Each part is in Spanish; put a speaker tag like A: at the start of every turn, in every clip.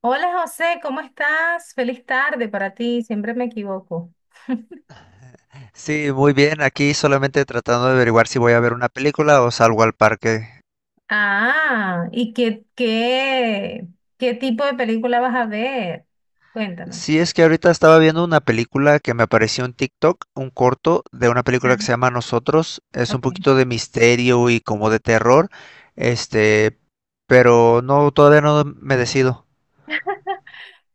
A: Hola José, ¿cómo estás? Feliz tarde para ti, siempre me equivoco.
B: Sí, muy bien. Aquí solamente tratando de averiguar si voy a ver una película o salgo al parque.
A: Ah, ¿y qué tipo de película vas a ver? Cuéntame.
B: Sí, es que ahorita estaba viendo una película que me apareció en TikTok, un corto de una película que
A: Ah,
B: se llama Nosotros. Es un
A: ok.
B: poquito de misterio y como de terror. Este, pero no, todavía no me decido.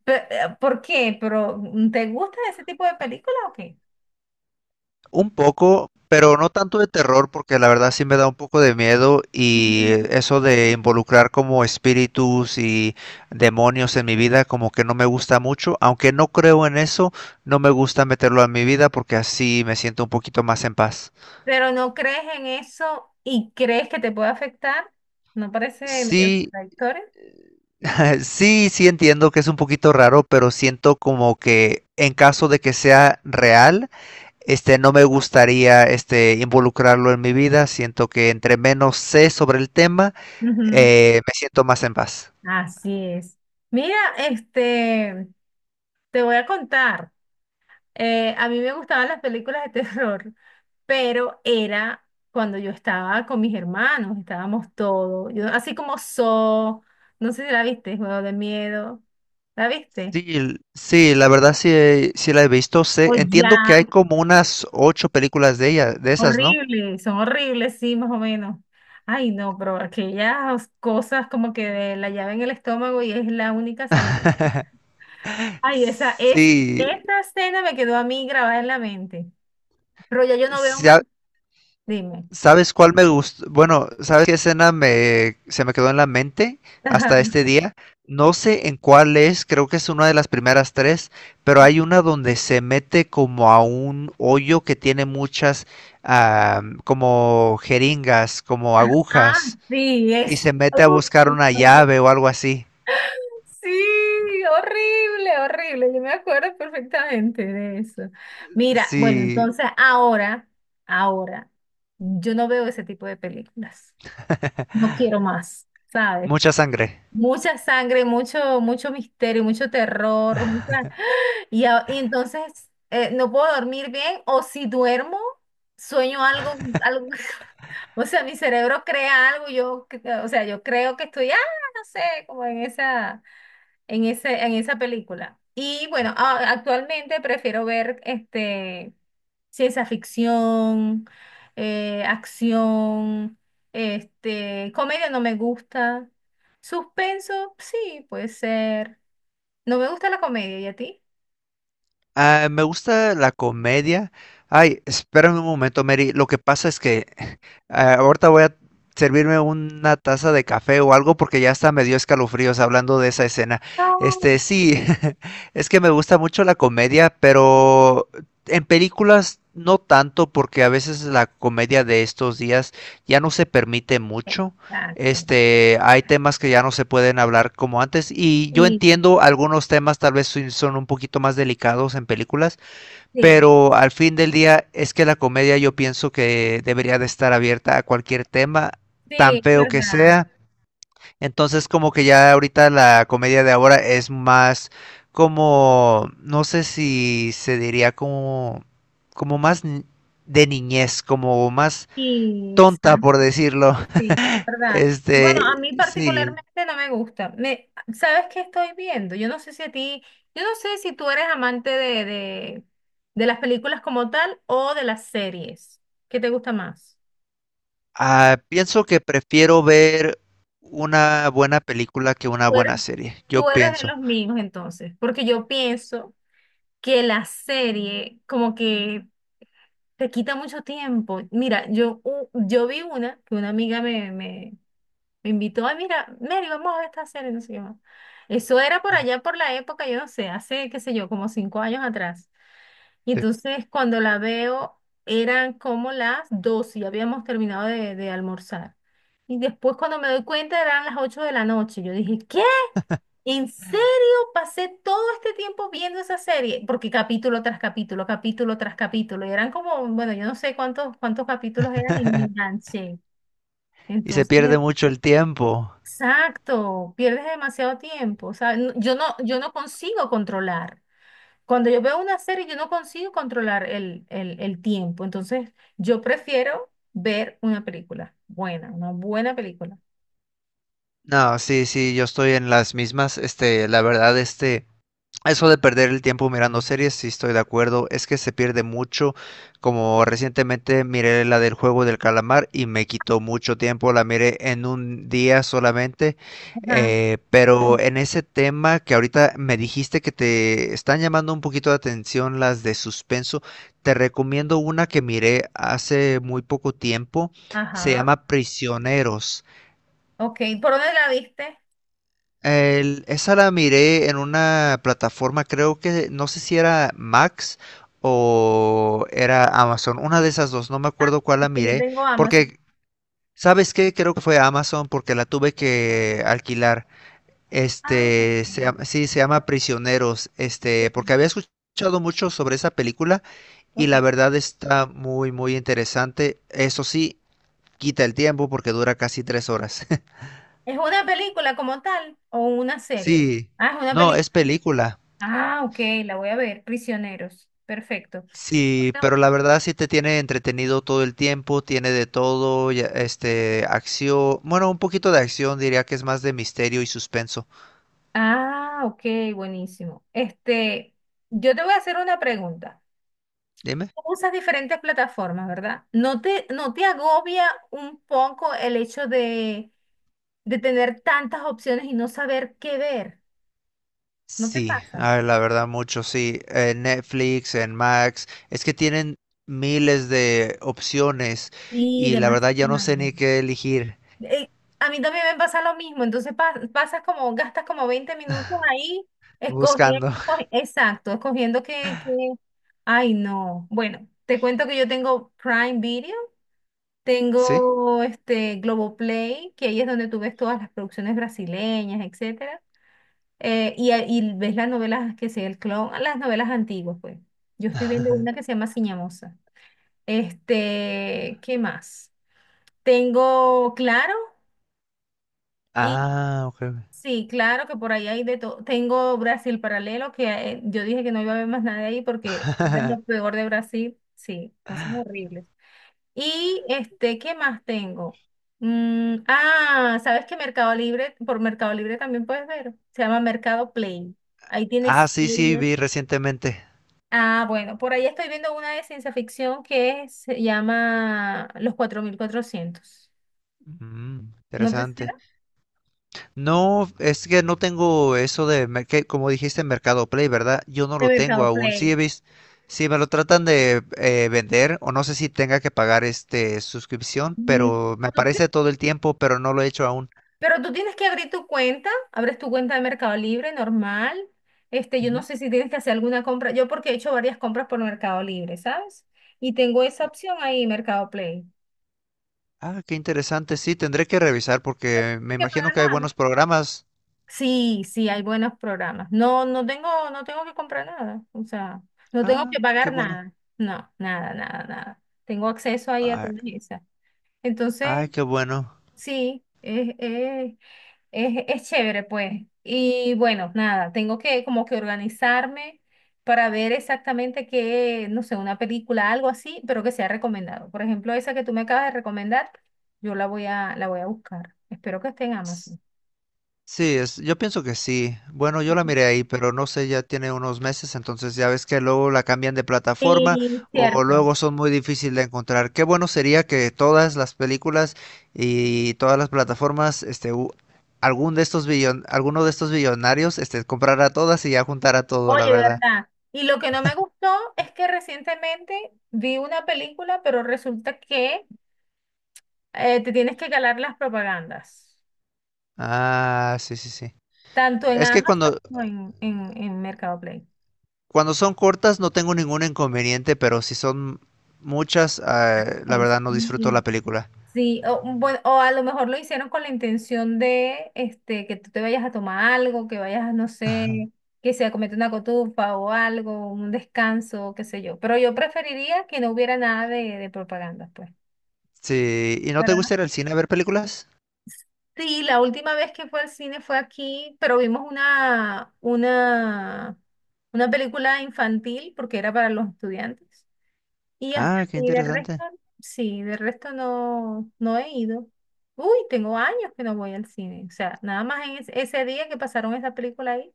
A: ¿Por qué? ¿Pero te gusta ese tipo de película o qué?
B: Un poco, pero no tanto de terror, porque la verdad sí me da un poco de miedo y
A: Ujú.
B: eso de involucrar como espíritus y demonios en mi vida como que no me gusta mucho, aunque no creo en eso, no me gusta meterlo en mi vida porque así me siento un poquito más en paz.
A: Pero no crees en eso y crees que te puede afectar, ¿no parece medio
B: Sí,
A: contradictorio?
B: sí, sí entiendo que es un poquito raro, pero siento como que en caso de que sea real, no me gustaría involucrarlo en mi vida. Siento que entre menos sé sobre el tema,
A: Ujú.
B: me siento más en paz.
A: Así es. Mira, te voy a contar. A mí me gustaban las películas de terror, pero era cuando yo estaba con mis hermanos, estábamos todos, yo, así como no sé si la viste, Juego de Miedo, ¿la viste?
B: Sí, sí, la verdad sí, sí la he visto.
A: O
B: Sé, entiendo que
A: ya,
B: hay como unas ocho películas de ella, de esas, ¿no?
A: horrible, son horribles, sí, más o menos. Ay, no, pero aquellas cosas como que de la llave en el estómago y es la única salida. Ay, esa es,
B: Sí,
A: esa escena me quedó a mí grabada en la mente, pero ya yo no veo
B: sí,
A: más, dime.
B: ¿sabes cuál me gustó? Bueno, ¿sabes qué escena me, se me quedó en la mente hasta este día? No sé en cuál es, creo que es una de las primeras tres, pero hay una donde se mete como a un hoyo que tiene muchas, ah, como jeringas, como
A: Ah,
B: agujas,
A: sí,
B: y
A: es.
B: se mete a buscar una
A: Uh,
B: llave o algo así.
A: Sí, horrible, horrible. Yo me acuerdo perfectamente de eso. Mira, bueno,
B: Sí,
A: entonces ahora, ahora, yo no veo ese tipo de películas. No quiero más, ¿sabes?
B: mucha sangre.
A: Mucha sangre, mucho, mucho misterio, mucho terror, mucha. Y entonces no puedo dormir bien o si duermo, sueño algo, algo, o sea, mi cerebro crea algo, yo, o sea, yo creo que estoy, no sé, como en en esa película. Y bueno, actualmente prefiero ver ciencia ficción, acción, comedia no me gusta, suspenso, sí, puede ser. No me gusta la comedia, ¿y a ti?
B: Ah, me gusta la comedia. Ay, espérame un momento, Mary. Lo que pasa es que, ah, ahorita voy a servirme una taza de café o algo porque ya hasta me dio escalofríos hablando de esa escena. Sí, es que me gusta mucho la comedia, pero en películas no tanto porque a veces la comedia de estos días ya no se permite mucho.
A: Exacto.
B: Hay temas que ya no se pueden hablar como antes, y yo
A: Y
B: entiendo algunos temas tal vez sí son un poquito más delicados en películas,
A: sí,
B: pero al fin del día es que la comedia yo pienso que debería de estar abierta a cualquier tema,
A: sí,
B: tan
A: es
B: feo que
A: verdad.
B: sea. Entonces como que ya ahorita la comedia de ahora es más como, no sé si se diría como, como más de niñez, como más
A: Y
B: tonta por
A: exacto,
B: decirlo.
A: sí, es verdad. Bueno, a mí
B: Sí.
A: particularmente no me gusta. ¿Sabes qué estoy viendo? Yo no sé si a ti, yo no sé si tú eres amante de las películas como tal o de las series. ¿Qué te gusta más?
B: Ah, pienso que prefiero ver una buena película que una
A: Tú
B: buena
A: eres,
B: serie. Yo
A: tú eres de
B: pienso.
A: los míos entonces, porque yo pienso que la serie como que te quita mucho tiempo. Mira, yo vi una que una amiga me invitó, ay, mira, Mary, vamos a ver esta serie, no sé qué más. Eso era por
B: Mm,
A: allá, por la época, yo no sé, hace, qué sé yo, como 5 años atrás. Y
B: sí.
A: entonces cuando la veo, eran como las 12 y habíamos terminado de almorzar. Y después cuando me doy cuenta, eran las 8 de la noche. Yo dije, ¿qué? ¿En serio? Pasé todo este tiempo viendo esa serie, porque capítulo tras capítulo, y eran como, bueno, yo no sé cuántos capítulos eran y me enganché.
B: Y se
A: Entonces,
B: pierde mucho el tiempo.
A: exacto, pierdes demasiado tiempo. O sea, yo no consigo controlar. Cuando yo veo una serie, yo no consigo controlar el tiempo. Entonces, yo prefiero ver una película buena, una buena película.
B: No, sí, sí, yo estoy en las mismas, la verdad, eso de perder el tiempo mirando series, sí estoy de acuerdo, es que se pierde mucho, como recientemente miré la del juego del calamar y me quitó mucho tiempo, la miré en un día solamente,
A: Ajá,
B: pero en ese tema que ahorita me dijiste que te están llamando un poquito de atención las de suspenso, te recomiendo una que miré hace muy poco tiempo, se
A: ajá.
B: llama Prisioneros.
A: Ok, ¿por dónde la viste?
B: Esa la miré en una plataforma, creo que no sé si era Max o era Amazon, una de esas dos, no me
A: Ah,
B: acuerdo cuál la
A: que yo
B: miré,
A: tengo Amazon.
B: porque, ¿sabes qué? Creo que fue Amazon porque la tuve que alquilar.
A: Ah, ok.
B: Sí, se llama Prisioneros,
A: Sí,
B: porque había escuchado mucho sobre esa película y la
A: ok.
B: verdad está muy, muy interesante. Eso sí, quita el tiempo porque dura casi 3 horas.
A: ¿Es una película como tal o una serie?
B: Sí,
A: Ah, es una
B: no,
A: película.
B: es película.
A: Ah, ok, la voy a ver. Prisioneros. Perfecto.
B: Sí,
A: Bueno,
B: pero la verdad sí te tiene entretenido todo el tiempo, tiene de todo, acción, bueno, un poquito de acción, diría que es más de misterio y suspenso.
A: ah, ok, buenísimo. Yo te voy a hacer una pregunta.
B: Dime.
A: Tú usas diferentes plataformas, ¿verdad? ¿No te agobia un poco el hecho de tener tantas opciones y no saber qué ver? ¿No te
B: Sí,
A: pasa?
B: a ver, la verdad mucho, sí. En Netflix, en Max, es que tienen miles de opciones
A: Sí,
B: y la verdad ya no sé
A: demasiado.
B: ni qué elegir
A: Eh, a mí también me pasa lo mismo, entonces pasas como, gastas como 20 minutos ahí escogiendo,
B: buscando.
A: exacto, escogiendo que, ay no. Bueno, te cuento que yo tengo Prime Video.
B: ¿Sí?
A: Tengo este Globoplay, que ahí es donde tú ves todas las producciones brasileñas, etcétera. Y ves las novelas que sea el clon, las novelas antiguas, pues. Yo estoy viendo una que se llama Ciñamosa. ¿Qué más? Tengo Claro y
B: Ah, ok.
A: sí, claro que por ahí hay de todo. Tengo Brasil Paralelo, que yo dije que no iba a haber más nada ahí porque era lo peor de Brasil. Sí, cosas horribles. Y ¿qué más tengo? ¿Sabes que Mercado Libre, por Mercado Libre también puedes ver? Se llama Mercado Play. Ahí
B: Ah,
A: tienes
B: sí, sí,
A: series.
B: vi recientemente.
A: Ah, bueno, por ahí estoy viendo una de ciencia ficción que se llama Los 4400.
B: Mm,
A: ¿No te
B: interesante.
A: suena?
B: No, es que no tengo eso de, que, como dijiste, Mercado Play, ¿verdad? Yo no
A: De
B: lo tengo
A: Mercado
B: aún. Sí,
A: Play.
B: sí me lo tratan de vender, o no sé si tenga que pagar este suscripción,
A: Mm,
B: pero me
A: ¿Tú tienes
B: aparece todo el tiempo, pero no lo he hecho aún.
A: Pero tú tienes que abrir tu cuenta, abres tu cuenta de Mercado Libre normal. Yo no
B: Ujú.
A: sé si tienes que hacer alguna compra. Yo porque he hecho varias compras por Mercado Libre, ¿sabes? Y tengo esa opción ahí, Mercado Play. No
B: Ah, qué interesante. Sí, tendré que revisar porque
A: hay
B: me
A: que
B: imagino
A: pagar
B: que hay
A: nada.
B: buenos programas.
A: Sí, sí, hay buenos programas. No, no tengo, que comprar nada. O sea, no tengo
B: Ah,
A: que
B: qué
A: pagar
B: bueno.
A: nada. No, nada, nada, nada. Tengo acceso ahí a
B: Ay,
A: todas esas.
B: ay,
A: Entonces,
B: qué bueno.
A: sí, es chévere, pues. Y bueno, nada, tengo que como que organizarme para ver exactamente qué, no sé, una película, algo así, pero que sea recomendado. Por ejemplo, esa que tú me acabas de recomendar, yo la voy a buscar. Espero que esté en Amazon.
B: Sí, es, yo pienso que sí. Bueno, yo la miré ahí, pero no sé, ya tiene unos meses, entonces ya ves que luego la cambian de plataforma
A: Sí,
B: o
A: cierto.
B: luego son muy difíciles de encontrar. Qué bueno sería que todas las películas y todas las plataformas, este, u- algún de estos billon, alguno de estos billonarios, comprara todas y ya juntara todo, la
A: Oye,
B: verdad.
A: ¿verdad? Y lo que no me gustó es que recientemente vi una película, pero resulta que te tienes que calar las propagandas,
B: Ah, sí, sí, sí.
A: tanto en
B: Es que
A: Amazon
B: cuando,
A: como en Mercado Play.
B: cuando son cortas no tengo ningún inconveniente, pero si son muchas, ah, la
A: Ay,
B: verdad no disfruto
A: sí.
B: la película.
A: Sí, o, bueno, o a lo mejor lo hicieron con la intención de que tú te vayas a tomar algo, que vayas, no sé, que se comete una cotufa o algo, un descanso, qué sé yo. Pero yo preferiría que no hubiera nada de propaganda, pues.
B: Sí, ¿y no te
A: ¿Verdad?
B: gusta ir al cine a ver películas?
A: Sí, la última vez que fue al cine fue aquí, pero vimos una película infantil porque era para los estudiantes. Y hasta
B: Ah, qué
A: y de
B: interesante.
A: resto, sí, de resto no he ido. Uy, tengo años que no voy al cine. O sea, nada más en ese día que pasaron esa película ahí,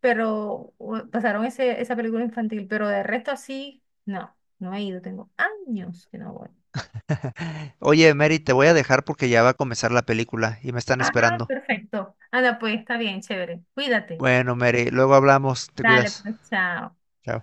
A: pero pasaron esa película infantil, pero de resto así, no he ido. Tengo años que no voy.
B: Oye, Mary, te voy a dejar porque ya va a comenzar la película y me están
A: Ah,
B: esperando.
A: perfecto. Anda, pues está bien, chévere. Cuídate.
B: Bueno, Mary, luego hablamos, te
A: Dale,
B: cuidas.
A: pues, chao.
B: Chao.